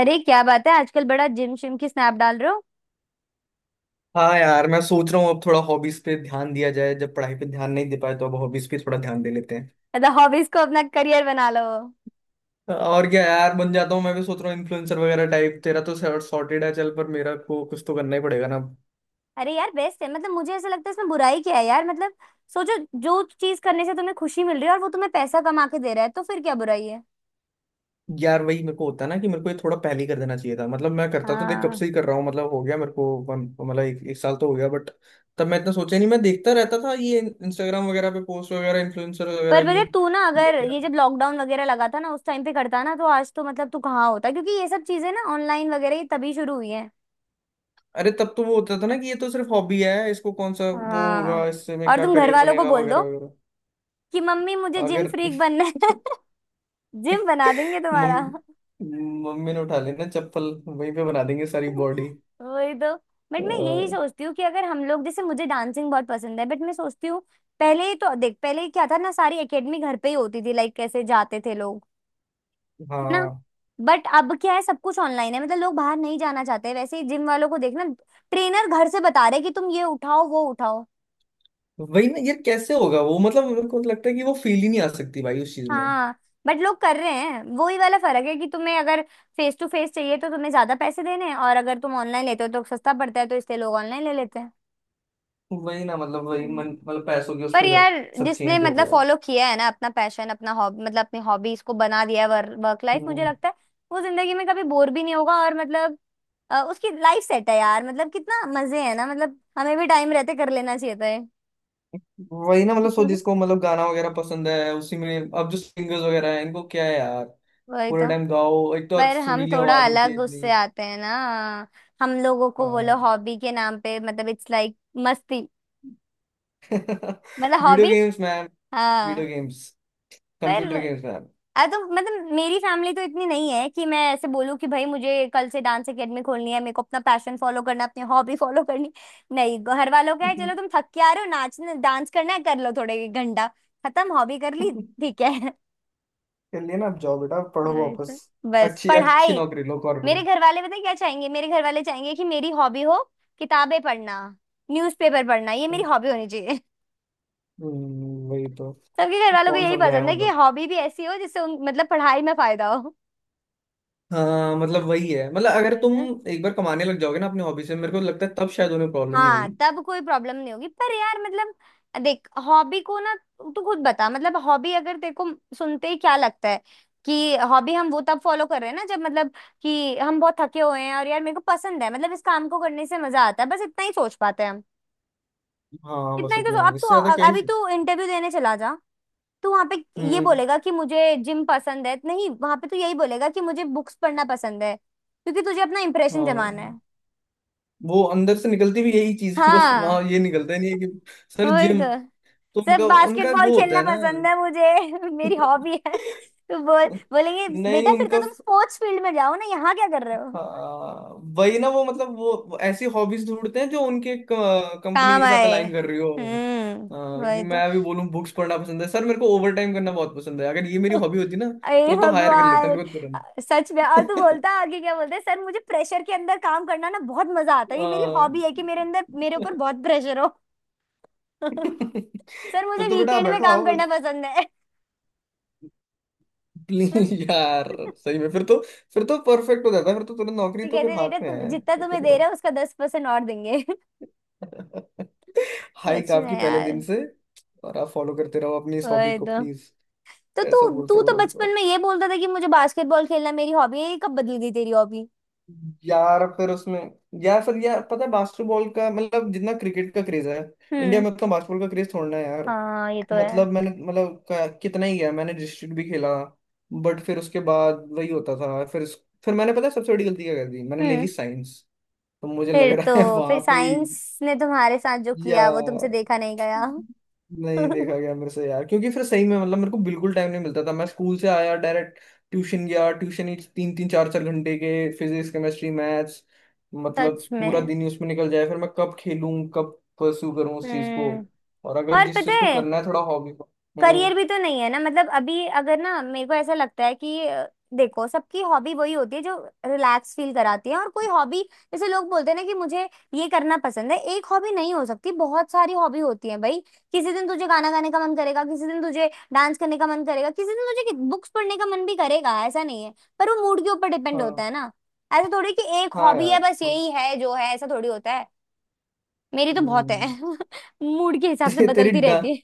अरे क्या बात है, आजकल बड़ा जिम शिम की स्नैप डाल रहे हो। हाँ यार, मैं सोच रहा हूँ अब थोड़ा हॉबीज पे ध्यान दिया जाए। जब पढ़ाई पे ध्यान नहीं दे पाए तो अब हॉबीज पे थोड़ा ध्यान दे लेते हैं। मतलब हॉबीज को अपना करियर बना लो। और क्या यार, बन जाता हूँ। मैं भी सोच रहा हूँ इन्फ्लुएंसर वगैरह टाइप। तेरा तो सॉर्टेड है चल, पर मेरा को कुछ तो करना ही पड़ेगा ना। अरे यार, बेस्ट है। मतलब मुझे ऐसा लगता है इसमें बुराई क्या है यार। मतलब सोचो। जो चीज करने से तुम्हें खुशी मिल रही है और वो तुम्हें पैसा कमा के दे रहा है, तो फिर क्या बुराई है। यार वही मेरे को होता है ना कि मेरे को ये थोड़ा पहले ही कर देना चाहिए था। मतलब मैं करता तो देख, कब हाँ। से ही कर रहा हूँ। मतलब हो गया मेरे को एक साल तो हो गया, बट तब मैं इतना सोचा नहीं। मैं देखता रहता था ये इंस्टाग्राम वगैरह पे पोस्ट वगैरह इन्फ्लुएंसर वगैरह पर बता की। तू ना, अगर ये जब लॉकडाउन वगैरह लगा था ना, उस टाइम पे करता ना, तो आज तो मतलब तू कहाँ होता, क्योंकि ये सब चीजें ना ऑनलाइन वगैरह ये तभी शुरू हुई है। अरे तब तो वो होता था ना कि ये तो सिर्फ हॉबी है, इसको कौन सा वो हाँ। होगा, इससे में और क्या तुम घर करियर वालों को बनेगा बोल वगैरह दो वगैरह। कि मम्मी मुझे जिम अगर फ्रीक बनना है। जिम बना देंगे तुम्हारा। मम्मी। मम्मी ने उठा लेना चप्पल, वहीं पे बना देंगे सारी बॉडी। वही तो। बट मैं यही सोचती हूँ कि अगर हम लोग, जैसे मुझे डांसिंग बहुत पसंद है, बट मैं सोचती हूँ, पहले ही तो देख, पहले क्या था ना सारी एकेडमी घर पे ही होती थी, लाइक कैसे जाते थे लोग। है ना। हाँ, बट अब क्या है, सब कुछ ऑनलाइन है, मतलब लोग बाहर नहीं जाना चाहते, वैसे ही जिम वालों को देखना, ट्रेनर घर से बता रहे कि तुम ये उठाओ वो उठाओ। वही ना यार, कैसे होगा वो। मतलब मेरे को लगता है कि वो फील ही नहीं आ सकती भाई उस चीज में। हाँ। बट लोग कर रहे हैं, वो ही वाला फर्क है कि तुम्हें अगर फेस टू फेस चाहिए तो तुम्हें ज्यादा पैसे देने हैं, और अगर तुम ऑनलाइन लेते हो तो सस्ता पड़ता है, तो इसलिए लोग ऑनलाइन ले लेते वही ना, मतलब वही हैं। मन, मतलब पैसों के उस पर पे कर- यार, सब जिसने चेंज हो मतलब गया है। फॉलो किया है ना अपना पैशन, अपना हॉबी, मतलब अपनी हॉबी इसको बना दिया है, वर्क लाइफ, मुझे हम्म, लगता है वो जिंदगी में कभी बोर भी नहीं होगा। और मतलब उसकी लाइफ सेट है यार। मतलब कितना मजे है ना, मतलब हमें भी टाइम रहते कर लेना चाहिए था ये। वही ना। मतलब सो जिसको मतलब गाना वगैरह पसंद है, उसी में अब जो सिंगर्स वगैरह हैं, इनको क्या है यार, वही पूरे तो। टाइम गाओ। एक तो अच्छी पर हम सुरीली थोड़ा आवाज होती है अलग इतनी। उससे आते हैं ना। हम लोगों को बोलो हाँ हॉबी के नाम पे, मतलब इट्स लाइक मस्ती। हाँ। मतलब video hobby. Games ma'am. Video हाँ। गेम्स। पर कंप्यूटर गेम्स मैम। अरे तो मतलब मेरी फैमिली तो इतनी नहीं है कि मैं ऐसे बोलूँ कि भाई मुझे कल से डांस एकेडमी खोलनी है, मेरे को अपना पैशन फॉलो करना, अपनी हॉबी फॉलो करनी। नहीं, घर वालों का है, चलो तुम थक के आ रहे हो नाचने, डांस करना है कर लो थोड़े घंटा, खत्म हॉबी कर ली। ठीक है। चलिए ना, आप जाओ बेटा, पढ़ो राइट वापस। है। बस अच्छी अच्छी पढ़ाई। नौकरी लो, मेरे कॉर्पोरेट। घर वाले पता है क्या चाहेंगे, मेरे घर वाले चाहेंगे कि मेरी हॉबी हो किताबें पढ़ना, न्यूज़पेपर पढ़ना, ये मेरी हॉबी होनी चाहिए। वही तो। सबके घर वालों को कौन यही समझाया पसंद है उन कि लोग। हॉबी भी ऐसी हो जिससे उन मतलब पढ़ाई में फायदा हाँ, मतलब वही है। मतलब अगर तुम हो। एक बार कमाने लग जाओगे ना अपने हॉबी से, मेरे को लगता है तब शायद उन्हें प्रॉब्लम नहीं हाँ, होगी। तब कोई प्रॉब्लम नहीं होगी। पर यार मतलब देख हॉबी को ना, तू खुद बता, मतलब हॉबी अगर तेरे को सुनते ही क्या लगता है कि हॉबी हम वो तब फॉलो कर रहे हैं ना जब मतलब कि हम बहुत थके हुए हैं और यार मेरे को पसंद है, मतलब इस काम को करने से मजा आता है, बस इतना ही सोच पाते हैं हम। हाँ, इतना बस ही तो इतना अब ही, तू, इससे ज्यादा क्या अभी ही। तू इंटरव्यू देने चला जा। तू वहां पे ये हम्म। बोलेगा कि मुझे जिम पसंद है, नहीं, वहां पे तू यही बोलेगा कि मुझे बुक्स पढ़ना पसंद है क्योंकि तुझे अपना इंप्रेशन जमाना है। हाँ। वो अंदर से निकलती भी यही चीज है, बस हाँ, वहां ये निकलता ही नहीं है कि सर, वही जिम। तो। तो सब उनका उनका बास्केटबॉल वो होता खेलना है ना। पसंद है मुझे, मेरी हॉबी है, तो बोल बोलेंगे नहीं, बेटा फिर उनका। तो तुम स्पोर्ट्स फील्ड में जाओ ना, यहाँ क्या कर रहे हो। हाँ, वही ना। वो मतलब वो ऐसी हॉबीज ढूंढते हैं जो उनके कंपनी काम के साथ आए। अलाइन कर रही हो। हम्म, हाँ, कि वही तो। मैं अभी बोलूं बुक्स पढ़ना पसंद है सर, मेरे को ओवर टाइम करना बहुत पसंद है, अगर ये मेरी हॉबी होती ना अरे तो हायर कर लेता भगवान। मेरे को सच में, और तू तुरंत। बोलता आगे क्या बोलता है, सर मुझे प्रेशर के अंदर काम करना ना बहुत मजा आता है, ये मेरी हाँ। हॉबी है कि मेरे अंदर, मेरे ऊपर बहुत प्रेशर हो। सर मुझे तो बेटा आप वीकेंड में बैठो काम आओ। करना पसंद है। प्लीज यार। सही में फिर तो, फिर तो परफेक्ट हो जाता है, फिर तो तुरंत नौकरी तो तो फिर कहते बेटा हाथ में तुम है, जितना फिर तो तुम्हें दे करो। रहा है उसका 10% और देंगे। हाइक सच आपकी में पहले दिन यार। से। और आप फॉलो करते रहो अपनी इस हॉबी वही को तो। प्लीज। तो ऐसा तू बोलते तू हैं वो तो बचपन लोग। में ये बोलता था कि मुझे बास्केटबॉल खेलना मेरी हॉबी है, ये कब बदल गई तेरी हॉबी। यार फिर उसमें, यार फिर यार, पता है बास्केटबॉल का मतलब जितना क्रिकेट का क्रेज है इंडिया हम्म। में, उतना बास्केटबॉल का क्रेज थोड़ा है यार। हाँ ये तो है। मतलब मैंने मतलब क- कितना ही गया, मैंने डिस्ट्रिक्ट भी खेला। बट फिर उसके बाद वही होता था। फिर मैंने, पता है सबसे बड़ी गलती क्या कर दी मैंने, ले ली हम्म। साइंस। तो मुझे लग फिर रहा है तो, फिर वहां पे ही। साइंस ने तुम्हारे साथ जो या किया वो तुमसे देखा नहीं गया। नहीं, देखा गया मेरे से यार, क्योंकि फिर सही में मतलब मेरे को बिल्कुल टाइम नहीं मिलता था। मैं स्कूल से आया डायरेक्ट ट्यूशन गया। ट्यूशन ही तीन तीन चार चार घंटे के, फिजिक्स केमिस्ट्री मैथ्स। मतलब सच पूरा में। दिन ही उसमें निकल जाए, फिर मैं कब खेलूं, कब परस्यू करूं उस चीज को। हम्म। और अगर और जिस पता चीज को है करना है थोड़ा हॉबी को। हम्म। करियर भी तो नहीं है ना। मतलब अभी अगर ना मेरे को ऐसा लगता है कि देखो सबकी हॉबी वही होती है जो रिलैक्स फील कराती है। और कोई हॉबी, जैसे लोग बोलते हैं ना कि मुझे ये करना पसंद है, एक हॉबी नहीं हो सकती, बहुत सारी हॉबी होती है भाई। किसी दिन तुझे गाना गाने का मन करेगा, किसी दिन तुझे डांस करने का मन करेगा, किसी दिन तुझे बुक्स पढ़ने का मन भी करेगा, ऐसा नहीं है। पर वो मूड के ऊपर डिपेंड होता हाँ। है ना। ऐसा थोड़ी कि एक हाँ हॉबी है यार। बस यही है जो है, ऐसा थोड़ी होता है। मेरी तो बहुत है, हम्म। मूड के हिसाब से ते, तेरी बदलती डा रहती है।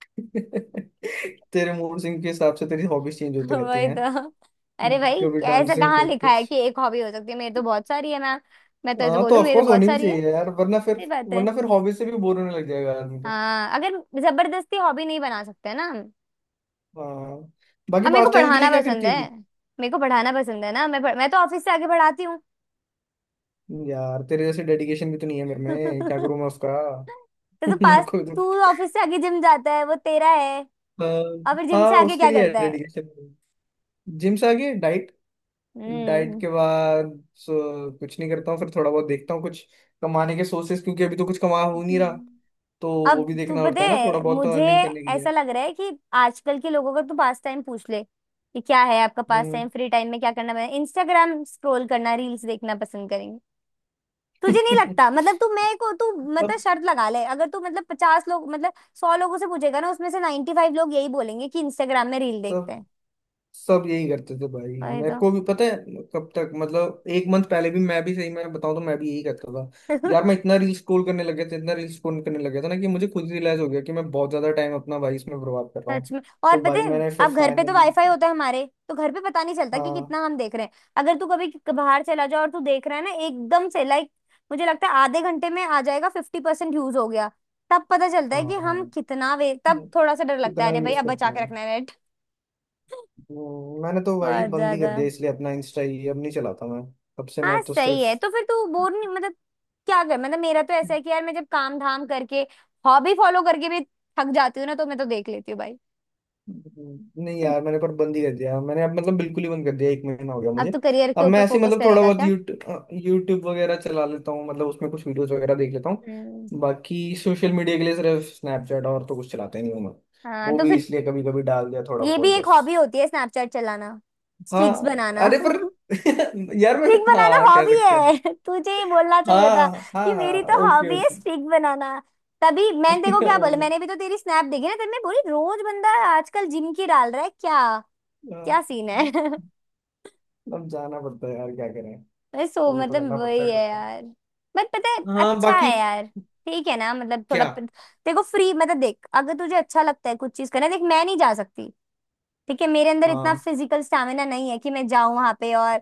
तेरे मूड सिंह के हिसाब से तेरी हॉबीज चेंज होती रहती। वही तो। अरे भाई कभी क्या ऐसा डांसिंग कहाँ कभी लिखा कुछ। है कि एक हॉबी हो सकती है, मेरी तो बहुत सारी है मैम। मैं तो ऐसे हाँ, तो बोलूँ मेरी तो ऑफकोर्स बहुत होनी भी सारी है। चाहिए यार, वरना फिर, सही बात है। वरना फिर हॉबी से भी बोर होने लग जाएगा आदमी को। हाँ अगर जबरदस्ती हॉबी नहीं बना सकते ना हम। हाँ। बाकी अब मेरे पास को टाइम के लिए पढ़ाना क्या पसंद करती है है। तू। मेरे को पढ़ाना पसंद है ना, मैं तो ऑफिस से आगे पढ़ाती हूँ। यार तेरे जैसे डेडिकेशन भी तो नहीं है मेरे में, क्या करूँ मैं उसका। तो, तो मेरे पास, को भी तू तो ऑफिस से आगे जिम जाता है, वो तेरा है, हाँ, और फिर जिम हाँ, से आगे उसके क्या लिए है करता है। डेडिकेशन। जिम से आगे डाइट, डाइट के बाद कुछ नहीं करता हूँ। फिर थोड़ा बहुत देखता हूँ कुछ कमाने के सोर्सेस, क्योंकि अभी तो कुछ कमा हो नहीं रहा, हम्म। तो वो अब भी तू देखना पता पड़ता है ना थोड़ा है बहुत, तो मुझे अर्निंग करने के ऐसा लिए। लग रहा है कि आजकल के लोगों का तू पास टाइम पूछ ले कि क्या है आपका पास हम्म। टाइम, फ्री टाइम में क्या करना है, इंस्टाग्राम स्क्रॉल करना, रील्स देखना पसंद करेंगे। तुझे नहीं लगता, मतलब तू मैं को तू, मतलब शर्त लगा ले, अगर तू मतलब 50 लोग मतलब 100 लोगों से पूछेगा ना, उसमें से 95 लोग यही बोलेंगे कि इंस्टाग्राम में रील देखते अब हैं। सब यही करते थे भाई। अरे मेरे को भी पता है। कब तक मतलब एक मंथ पहले भी, मैं भी सही में बताऊं तो, मैं भी यही करता था। तो यार मैं इतना रील स्क्रॉल करने लग गया था, इतना रील स्क्रॉल करने लग गया था ना कि मुझे खुद ही रियलाइज हो गया कि मैं बहुत ज्यादा टाइम अपना भाई इसमें बर्बाद कर रहा हूँ। सच में। और तो पता भाई है मैंने फिर अब घर पे तो फाइनली वाईफाई होता है, हमारे तो घर पे पता नहीं चलता कि हाँ कितना हम देख रहे हैं, अगर तू कभी बाहर चला जाओ और तू देख रहा है ना एकदम से, लाइक मुझे लगता है आधे घंटे में आ जाएगा 50% यूज हो गया। तब पता चलता हाँ है कि हम हाँ, कितना वे, तब थोड़ा सा डर लगता है, इतना अरे भाई यूज अब करता बचा के हूँ। रखना है नेट। मैंने तो भाई बहुत बंद ही कर ज्यादा। दिया इसलिए। अपना इंस्टा ही अब नहीं चलाता मैं। तब से मैं हाँ तो सही सिर्फ है। तो फिर तू बोर नहीं, मतलब क्या कर, मतलब मेरा तो ऐसा है कि यार मैं जब काम धाम करके हॉबी फॉलो करके भी थक जाती हूँ ना, तो मैं तो देख लेती हूँ भाई। नहीं यार, मैंने पर बंद ही कर दिया। मैंने अब मतलब बिल्कुल ही बंद कर दिया, एक महीना हो गया अब मुझे। तो करियर के अब मैं ऊपर ऐसे ही फोकस मतलब थोड़ा करेगा बहुत क्या। यूट्यूब यूट्यूब वगैरह चला लेता हूँ, मतलब उसमें कुछ वीडियोस वगैरह देख लेता हूँ। हम्म। बाकी सोशल मीडिया के लिए सिर्फ स्नैपचैट और तो कुछ चलाते नहीं हूँ मैं। हाँ वो तो भी फिर इसलिए कभी कभी डाल दिया थोड़ा ये भी बहुत, एक बस। हॉबी होती है स्नैपचैट चलाना, हाँ स्ट्रिक्स बनाना। अरे पर यार मैं, स्ट्रिक बनाना हाँ कह हॉबी सकते हैं। है, तुझे ये बोलना चाहिए था हाँ हाँ कि मेरी हाँ, तो ओके हॉबी है ओके। स्ट्रिक बनाना। तभी मैंने देखो क्या हो बोला, सकता। मैंने भी तो तेरी स्नैप देखी ना, तभी मैं बोली रोज बंदा आजकल जिम की डाल रहा है क्या, हाँ। क्या सीन है। अब जाना पड़ता है यार, क्या करें, मैं सो फॉलो तो मतलब करना पड़ता वही है कुछ है ना। यार। बट पता है हाँ। अच्छा बाकी है यार। ठीक है ना, मतलब थोड़ा क्या। देखो फ्री, मतलब देख अगर तुझे अच्छा लगता है कुछ चीज करना, देख मैं नहीं जा सकती। देखिए मेरे अंदर इतना हाँ। फिजिकल स्टैमिना नहीं है कि मैं जाऊं वहां पे और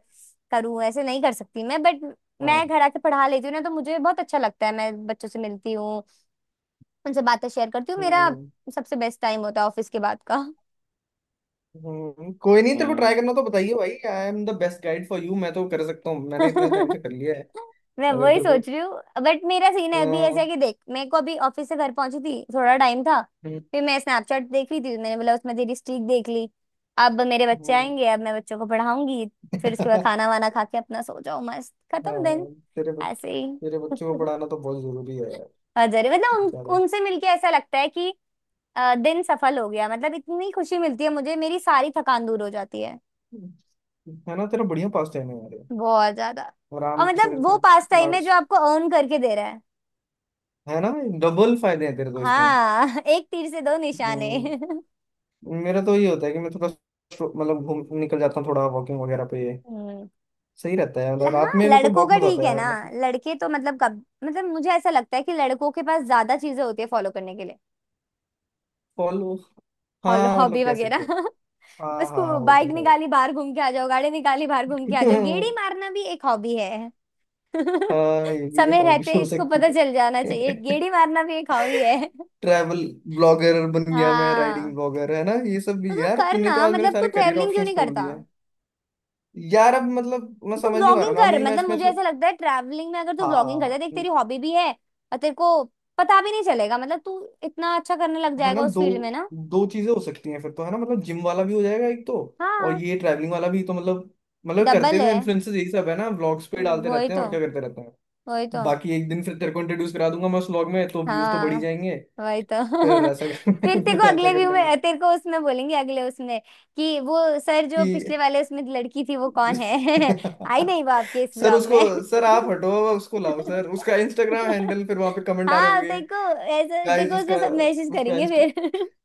करूं, ऐसे नहीं कर सकती मैं, बट मैं हाँ। घर आके पढ़ा लेती हूँ ना, तो मुझे बहुत अच्छा लगता है, मैं बच्चों से मिलती हूँ, उनसे बातें शेयर करती हूँ, मेरा हम्म। सबसे बेस्ट टाइम होता है ऑफिस के बाद का। हम्म, कोई नहीं, तेरे को ट्राई हम्म। करना तो बताइए भाई, I am the best guide for you, मैं तो कर सकता हूँ, मैंने इतना टाइम से कर लिया है। मैं अगर वही तेरे को सोच रही हूँ। बट मेरा सीन है अभी ऐसा अ, है कि देख, मेरे को अभी ऑफिस से घर पहुंची थी, थोड़ा टाइम था, हम्म, फिर मैं स्नैपचैट देख रही थी, मैंने बोला उसमें तेरी स्ट्रीक देख ली। अब मेरे बच्चे हम्म, आएंगे, अब मैं बच्चों को पढ़ाऊंगी, फिर उसके बाद खाना वाना खा के अपना सो जाऊं, मस्त खत्म दिन, हाँ, ऐसे तेरे ही। बच्चों को पढ़ाना तो बहुत जरूरी है यार, अजरे मतलब बेचारे। उनसे मिलके ऐसा लगता है कि दिन सफल हो गया। मतलब इतनी खुशी मिलती है मुझे, मेरी सारी थकान दूर हो जाती है, है ना, तेरा बढ़िया पास टाइम है यार ये। बहुत ज्यादा। और आराम से मतलब इसमें वो पास टाइम है जो लास्ट- आपको अर्न करके दे रहा है। है ना, डबल फायदे हैं तेरे तो इसमें। हाँ, एक तीर से दो निशाने। हम्म, मेरा तो ये होता है कि मैं थोड़ा, मतलब घूम निकल जाता हूँ थोड़ा वॉकिंग वगैरह पे। हम्म। सही रहता है, ल- मतलब हाँ, रात में मेरे को लड़कों बहुत का मजा आता ठीक है है यार, ना, मतलब लड़के तो मतलब कब मतलब मुझे ऐसा लगता है कि लड़कों के पास ज्यादा चीजें होती है फॉलो करने के लिए, कॉल। हॉलो हाँ मतलब हॉबी कह सकते वगैरह। हैं। हाँ बस को हाँ, वो तो बाइक है। निकाली बाहर घूम के आ जाओ, गाड़ी निकाली बाहर घूम के आ जाओ, गेड़ी मारना भी एक हॉबी है। हाँ, ये भी समय हॉबी रहते हो इसको सकती पता चल जाना चाहिए, है। गेड़ी मारना भी एक हॉबी है। ट्रैवल ब्लॉगर बन गया मैं, राइडिंग हाँ। ब्लॉगर, है ना ये सब तो भी। तू यार कर तूने ना, तो आज मेरे मतलब तू सारे करियर ट्रेवलिंग क्यों ऑप्शंस नहीं खोल करता। दिए हैं। यार अब मतलब मैं तो समझ नहीं पा रहा व्लॉगिंग ना कर, अभी मैं मतलब इसमें मुझे थो- ऐसा लगता है ट्रैवलिंग में अगर तू व्लॉगिंग करता है, हाँ, देख तेरी हॉबी भी है और तेरे को पता भी नहीं चलेगा, मतलब तू इतना अच्छा करने लग है ना, जाएगा उस दो, फील्ड में ना। दो चीजें हो सकती हैं फिर तो, है ना, मतलब जिम वाला भी हो जाएगा एक तो, और हाँ। ये ट्रैवलिंग वाला भी तो, मतलब मतलब करते डबल तो है। इन्फ्लुएंसर्स यही सब है ना, व्लॉग्स पे डालते वही रहते हैं तो। और क्या करते रहते हैं। वही तो। बाकी एक दिन फिर तेरे को इंट्रोड्यूस करा दूंगा मैं उस व्लॉग में, तो व्यूज तो बढ़ी हाँ, जाएंगे। वही तो। फिर ऐसा कर फिर तेरे को फिर ऐसा अगले कर व्यू लेंगे में तेरे को उसमें बोलेंगे अगले उसमें कि वो सर जो पिछले कि वाले उसमें लड़की थी वो कौन है, आई नहीं वो आपके इस सर ब्लॉग उसको, में। सर आप हटो, उसको लाओ सर, उसका इंस्टाग्राम हैंडल, फिर वहां पे कमेंट आ रहे हाँ होंगे, तेरे को, ऐसा तेरे गाइस को उसमें उसका, सब मैसेज उसका करेंगे इंस्टा, फिर।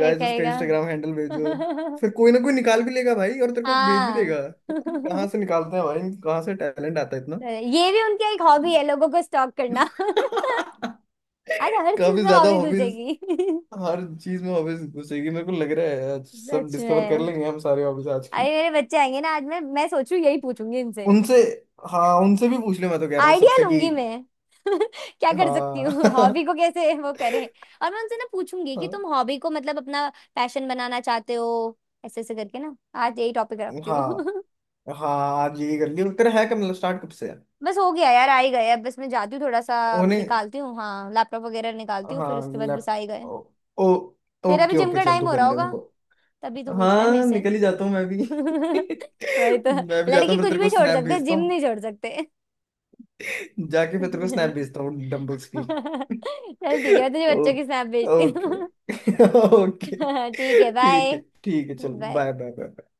ये उसका कहेगा। इंस्टाग्राम हैंडल भेजो। फिर कोई ना कोई निकाल भी लेगा भाई और तेरे को भेज भी हाँ। देगा। पता नहीं कहाँ से निकालते हैं भाई, कहाँ से टैलेंट आता है इतना। ये भी उनकी एक हॉबी है लोगों को स्टॉक करना। आज हर चीज काफी में ज्यादा हॉबी हॉबीज, घुसेगी। हर चीज में हॉबीज घुसेगी। मेरे को लग रहा है आज सब सच डिस्कवर कर में। लेंगे हम सारे हॉबीज आज अरे की। मेरे बच्चे आएंगे ना, आज मैं सोचू यही पूछूंगी इनसे, उनसे, हाँ उनसे भी पूछ ले, मैं तो कह रहा हूँ आइडिया सबसे कि लूंगी मैं। क्या कर सकती हाँ। हूँ, हॉबी को कैसे वो करें। और मैं उनसे ना पूछूंगी कि हाँ तुम हॉबी को मतलब अपना पैशन बनाना चाहते हो, ऐसे ऐसे करके ना आज यही टॉपिक रखती हाँ हूँ। हाँ, आज यही कर लियो। तेरा है कब, मतलब स्टार्ट कब से है। बस हो गया यार, आ ही गए, अब बस मैं जाती हूँ, थोड़ा सा उन्हें, निकालती हूँ, हाँ लैपटॉप वगैरह निकालती हूँ, फिर उसके हाँ बाद बस लैप, आ ही गए। ओ, ओ, तेरा भी ओके जिम ओके, का चल तू टाइम हो कर रहा ले होगा, उनको। तभी तो पूछ रहा है मेरे हाँ, से। निकल ही जाता हूँ मैं भी। वही तो। मैं भी जाता लड़की हूँ, फिर कुछ तेरे भी को छोड़ स्नैप सकते, भेजता जिम हूँ। नहीं छोड़ सकते। जाके फिर तेरे को स्नैप चल, भेजता हूँ डम्बल्स की। ठीक है, मैं तुझे बच्चों की ओके। स्नैप भेजती ओके। हूँ। ओके ठीक है ठीक है। बाय ठीक है, चलो, बाय। Bye bye bye.